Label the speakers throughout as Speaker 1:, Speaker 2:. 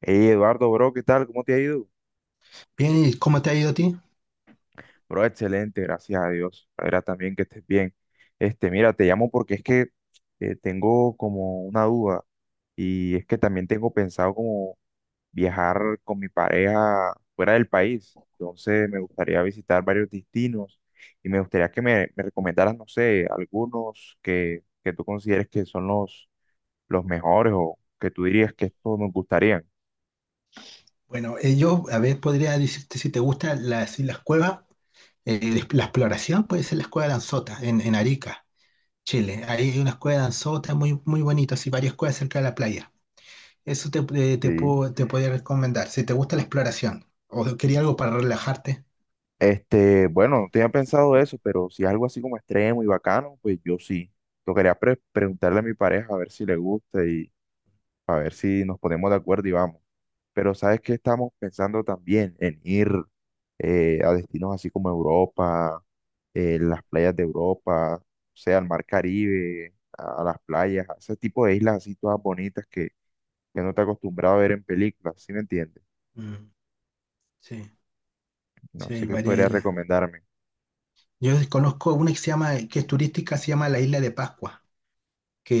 Speaker 1: Hey Eduardo, bro, ¿qué tal? ¿Cómo te ha ido?
Speaker 2: Bien, ¿y cómo te ha ido a ti?
Speaker 1: Bro, excelente, gracias a Dios. Ahora también que estés bien. Este, mira, te llamo porque es que tengo como una duda y es que también tengo pensado como viajar con mi pareja fuera del país. Entonces me gustaría visitar varios destinos y me gustaría que me recomendaras, no sé, algunos que tú consideres que son los mejores o que tú dirías que estos nos gustarían.
Speaker 2: Bueno, yo, a ver, podría decirte si te gusta si las cuevas, eh, la exploración puede ser la cueva de Anzota, en Arica, Chile. Ahí hay una cueva de Anzota muy, muy bonita, así varias cuevas cerca de la playa. Eso te, te
Speaker 1: Sí.
Speaker 2: puedo, te podría recomendar, si te gusta la exploración o quería algo para relajarte.
Speaker 1: Este, bueno, no tenía pensado eso, pero si es algo así como extremo y bacano, pues yo sí. Lo quería preguntarle a mi pareja a ver si le gusta y a ver si nos ponemos de acuerdo y vamos. Pero ¿sabes qué estamos pensando también? En ir a destinos así como Europa, las playas de Europa, o sea, al mar Caribe, a las playas, a ese tipo de islas así todas bonitas que no te acostumbrado a ver en películas, ¿sí me entiendes?
Speaker 2: Mm, sí,
Speaker 1: No
Speaker 2: sí,
Speaker 1: sé
Speaker 2: hay
Speaker 1: qué
Speaker 2: varias
Speaker 1: podría
Speaker 2: islas.
Speaker 1: recomendarme.
Speaker 2: Yo conozco una que se llama, que es turística, se llama la Isla de Pascua,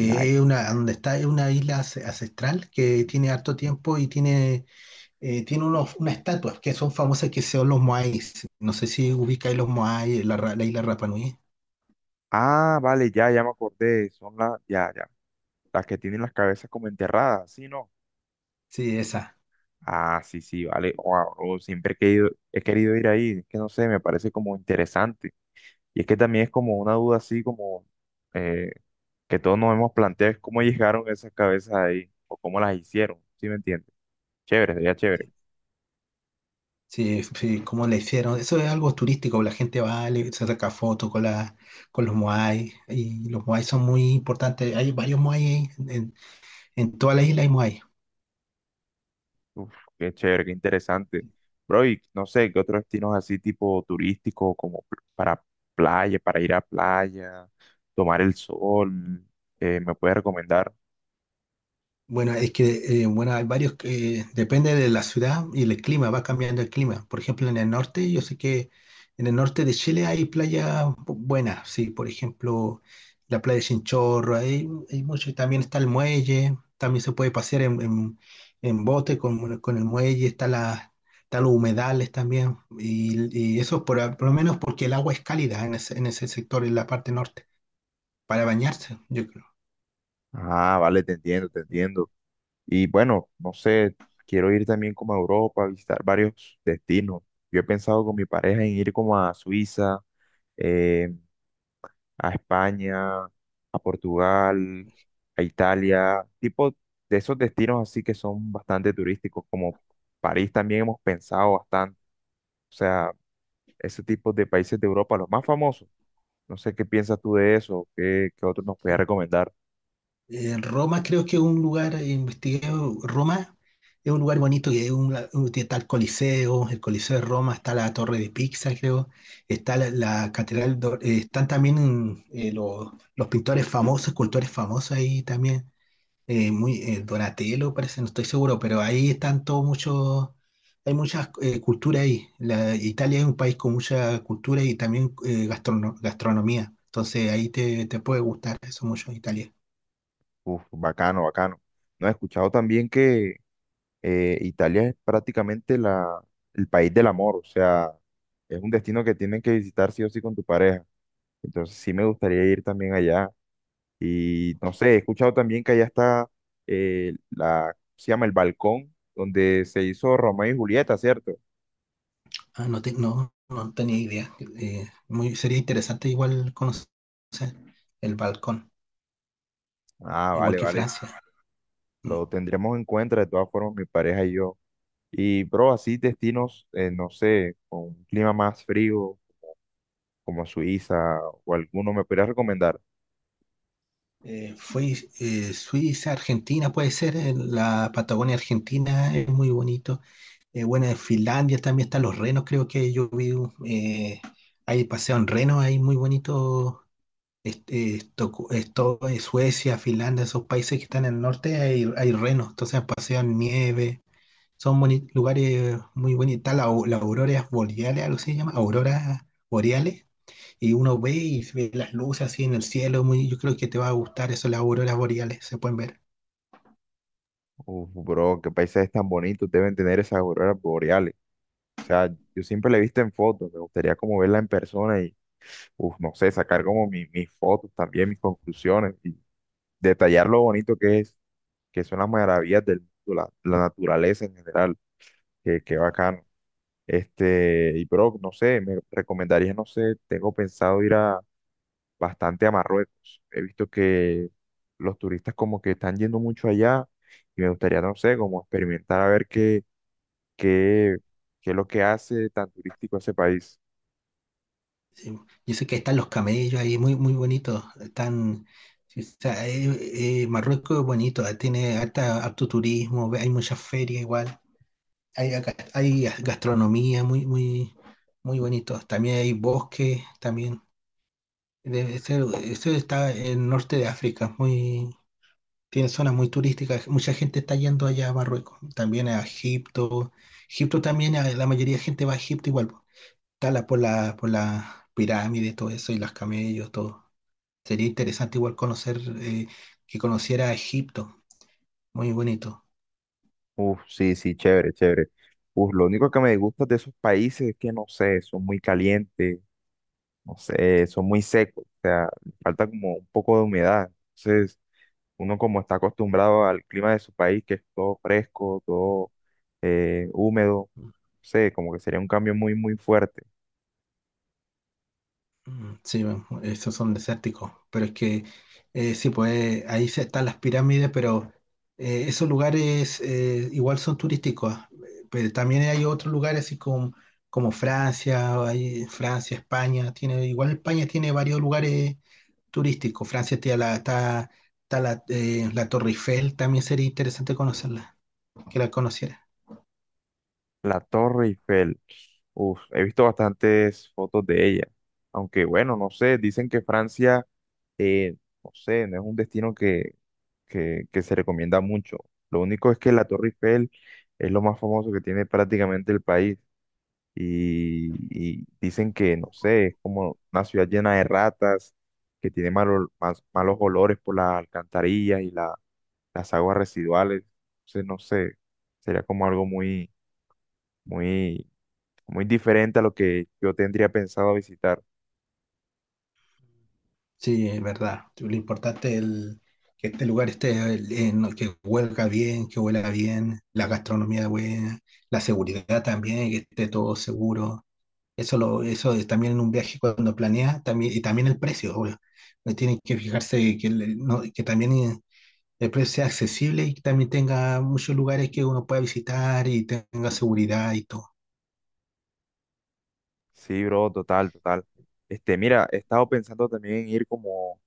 Speaker 1: Like.
Speaker 2: es una, donde está, es una ancestral que tiene harto tiempo y tiene, tiene unos, unas estatuas que son famosas, que son los Moais. No sé si ubicáis los Moais, la isla Rapa Nui.
Speaker 1: Ah, vale, ya, ya me acordé. Son las, ya, ya. Las que tienen las cabezas como enterradas, ¿sí, no?
Speaker 2: Sí, esa.
Speaker 1: Ah, sí, sí, vale. Wow, oh, siempre he querido ir ahí. Es que no sé, me parece como interesante. Y es que también es como una duda así, como eh, que todos nos hemos planteado, es cómo llegaron esas cabezas ahí, o cómo las hicieron, ¿sí me entiendes? Chévere, sería chévere.
Speaker 2: Sí, sí, sí, cómo la hicieron. Eso es algo turístico, la gente va, se saca fotos con, la, con los Moai, y los Moai son muy importantes. Hay varios Moai en toda la isla hay Moai.
Speaker 1: Uf, qué chévere, qué interesante. Bro, y no sé, ¿qué otros destinos así tipo turístico, como para playa, para ir a playa, tomar el sol, me puedes recomendar?
Speaker 2: Bueno, es que bueno, hay varios que depende de la ciudad y el clima, va cambiando el clima. Por ejemplo, en el norte, yo sé que en el norte de Chile hay buenas, sí, por ejemplo, la playa de Chinchorro, hay mucho, y también está el muelle, también se puede en bote con, bueno, con el muelle, está está los humedales también, y eso por lo menos porque el agua es cálida en en ese sector, en la parte norte, para bañarse, yo creo.
Speaker 1: Ah, vale, te entiendo, te entiendo. Y bueno, no sé, quiero ir también como a Europa, a visitar varios destinos. Yo he pensado con mi pareja en ir como a Suiza, eh, a España, a Portugal, a Italia, tipo de esos destinos así que son bastante turísticos, como París también hemos pensado bastante, o sea, ese tipo de países de Europa, los más famosos. No sé qué piensas tú de eso, qué, qué otros nos puedes recomendar.
Speaker 2: Roma creo que es un lugar, investigué, Roma es un lugar bonito, que es está el Coliseo de Roma, está la Torre de Pisa, creo, está la Catedral, están también los pintores famosos, escultores famosos ahí también, Donatello parece, no estoy seguro, pero ahí están todos muchos, hay muchas culturas ahí. La, Italia es un país con mucha cultura, y también gastronomía, entonces ahí te puede gustar eso mucho, Italia.
Speaker 1: Uf, bacano, bacano. No, he escuchado también que Italia es prácticamente la, el país del amor, o sea, es un destino que tienen que visitar sí o sí con tu pareja. Entonces sí me gustaría ir también allá. Y no sé, he escuchado también que allá está la, se llama el balcón donde se hizo Romeo y Julieta, ¿cierto?
Speaker 2: Ah, no, no, no tenía idea. Sería interesante igual conocer el balcón,
Speaker 1: Ah,
Speaker 2: igual
Speaker 1: vale,
Speaker 2: que
Speaker 1: vale.
Speaker 2: Francia. Eh,
Speaker 1: Lo tendremos en cuenta de todas formas, mi pareja y yo. Y, bro, así destinos, no sé, con un clima más frío, como Suiza o alguno, ¿me podrías recomendar?
Speaker 2: fue Suiza, Argentina, puede ser, la Patagonia Argentina es muy bonito. Bueno, en Finlandia también están los renos, creo que yo vi, eh, hay paseo en renos, hay muy bonito. Esto, esto, Suecia, Finlandia, esos países que están en el norte, hay renos, entonces pasean nieve. Son lugares muy bonitos. Está la auroras boreales, algo así se llama, auroras boreales. Y uno ve y se ve las luces así en el cielo. Muy, yo creo que te va a gustar eso, las auroras boreales, se pueden ver.
Speaker 1: Uf, bro, qué paisajes tan bonitos deben tener esas auroras boreales. O sea, yo siempre la he visto en fotos, me gustaría como verla en persona y, uf, no sé, sacar como mis fotos también, mis conclusiones, y detallar lo bonito que es, que son las maravillas del mundo, la naturaleza en general, que bacano. Este, y bro, no sé, me recomendarías, no sé, tengo pensado ir a bastante a Marruecos. He visto que los turistas como que están yendo mucho allá y me gustaría, no sé, como experimentar a ver qué, qué, qué es lo que hace tan turístico ese país.
Speaker 2: Sí. Yo sé que están los camellos ahí, muy, muy bonitos. Están, sí, o sea, Marruecos es bonito, tiene harta, harto turismo, hay muchas ferias igual. Hay gastronomía muy, muy, muy bonito. También hay bosques, también. Debe ser, eso está en el norte de África, muy, tiene zonas muy turísticas, mucha gente está yendo allá a Marruecos, también a Egipto, Egipto también, la mayoría de gente va a Egipto igual, po. Está por por la pirámide, todo eso, y los camellos, todo. Sería interesante igual conocer, que conociera a Egipto, muy bonito.
Speaker 1: Uf, sí, sí, chévere, chévere. Uf, lo único que me disgusta de esos países es que, no sé, son muy calientes, no sé, son muy secos, o sea, falta como un poco de humedad. Entonces, uno como está acostumbrado al clima de su país, que es todo fresco, todo húmedo, no sé, como que sería un cambio muy, muy fuerte.
Speaker 2: Mm, sí, bueno, esos son desérticos, pero es que sí, pues ahí están las pirámides, pero esos lugares igual son turísticos, ah, pero también hay otros lugares así como, como Francia, hay Francia, España, tiene, igual España tiene varios lugares turísticos, Francia tiene está, está la Torre Eiffel, también sería interesante conocerla, que la conociera.
Speaker 1: La Torre Eiffel, uf, he visto bastantes fotos de ella, aunque bueno, no sé, dicen que Francia, eh, no sé, no es un destino que se recomienda mucho. Lo único es que la Torre Eiffel es lo más famoso que tiene prácticamente el país, y, y dicen que, no sé, es como una ciudad llena de ratas, que tiene malos olores por las alcantarillas y las aguas residuales. Entonces, no sé, sería como algo muy, muy, muy diferente a lo que yo tendría pensado visitar.
Speaker 2: Sí, es verdad. Lo importante es que este lugar esté, que huelga bien, que huela bien, la gastronomía buena, la seguridad también, que esté todo seguro. Eso, lo, eso es también en un viaje cuando planeas, también, y también el precio, obvio. Tienen que fijarse que, no, que también el precio sea accesible, y que también tenga muchos lugares que uno pueda visitar y tenga seguridad y todo.
Speaker 1: Sí, bro, total, total. Este, mira, he estado pensando también en ir como,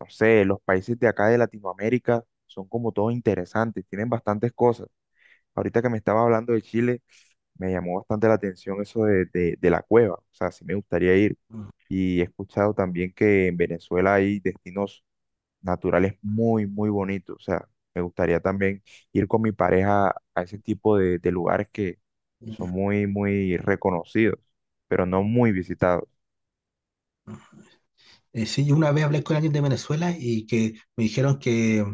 Speaker 1: no sé, los países de acá de Latinoamérica son como todos interesantes, tienen bastantes cosas. Ahorita que me estaba hablando de Chile, me llamó bastante la atención eso de, de la cueva, o sea, sí me gustaría ir.
Speaker 2: Mm.
Speaker 1: Y he escuchado también que en Venezuela hay destinos naturales muy, muy bonitos, o sea, me gustaría también ir con mi pareja a ese tipo de lugares que
Speaker 2: Mm.
Speaker 1: son muy, muy reconocidos, pero no muy visitados.
Speaker 2: Sí, una vez hablé con alguien de Venezuela y que me dijeron que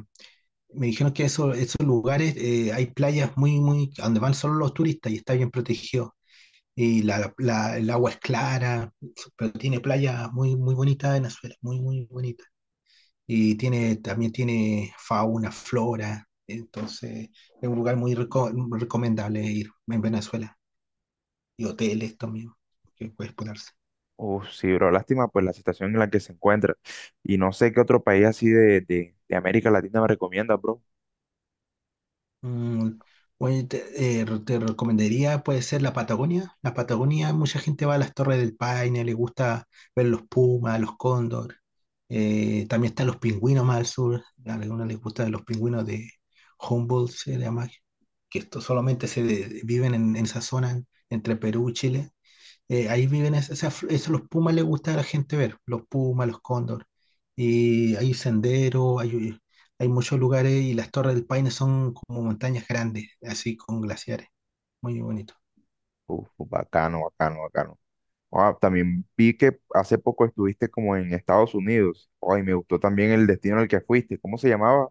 Speaker 2: me dijeron que eso, esos lugares, hay playas muy, muy, a donde van solo los turistas y está bien protegido. Y el agua es clara, pero tiene playas muy, muy bonitas en Venezuela, muy, muy bonitas. Y tiene, también tiene fauna, flora. Entonces, es un lugar recomendable ir en Venezuela. Y hoteles también, que puedes ponerse.
Speaker 1: Uf, sí, bro, lástima pues la situación en la que se encuentra. Y no sé qué otro país así de América Latina me recomienda, bro.
Speaker 2: Mm, oye, te recomendaría, puede ser la Patagonia. La Patagonia, mucha gente va a las Torres del Paine, le gusta ver los pumas, los cóndor. También están los pingüinos más al sur. A algunos les gustan los pingüinos de Humboldt, se llama, que esto solamente viven en esa zona entre Perú y Chile, ahí viven esas, eso los pumas les gusta a la gente ver, los pumas, los cóndor, y hay senderos, hay, hay muchos lugares, y las Torres del Paine son como montañas grandes, así con glaciares, muy bonito.
Speaker 1: Uf, bacano, bacano, bacano. Ah, también vi que hace poco estuviste como en Estados Unidos. Ay, me gustó también el destino al que fuiste. ¿Cómo se llamaba?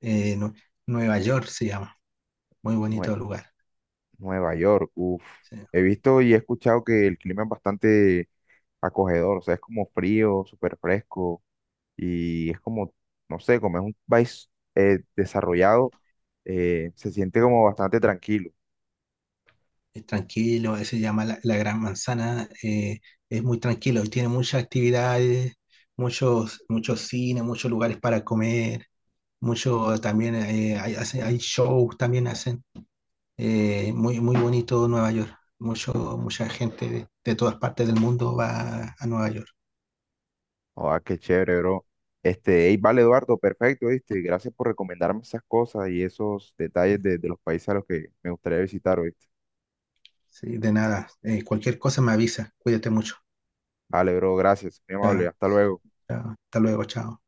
Speaker 2: Eh, Nue- Nueva York se llama, muy
Speaker 1: Nue-
Speaker 2: bonito lugar.
Speaker 1: Nueva York. Uf.
Speaker 2: Sí.
Speaker 1: He visto y he escuchado que el clima es bastante acogedor. O sea, es como frío, súper fresco. Y es como, no sé, como es un país desarrollado, se siente como bastante tranquilo.
Speaker 2: Es tranquilo, se llama la Gran Manzana, es muy tranquilo y tiene muchas actividades, muchos, muchos cines, muchos lugares para comer, mucho también hay, hay shows también hacen. Muy bonito Nueva York. Mucha gente de todas partes del mundo va a Nueva York.
Speaker 1: Ah, qué chévere, bro. Este, ey, vale, Eduardo, perfecto, ¿viste? Gracias por recomendarme esas cosas y esos detalles de los países a los que me gustaría visitar hoy.
Speaker 2: Sí, de nada. Cualquier cosa me avisa. Cuídate mucho.
Speaker 1: Vale, bro, gracias. Muy amable.
Speaker 2: Ya,
Speaker 1: Hasta luego.
Speaker 2: ya, hasta luego. Chao.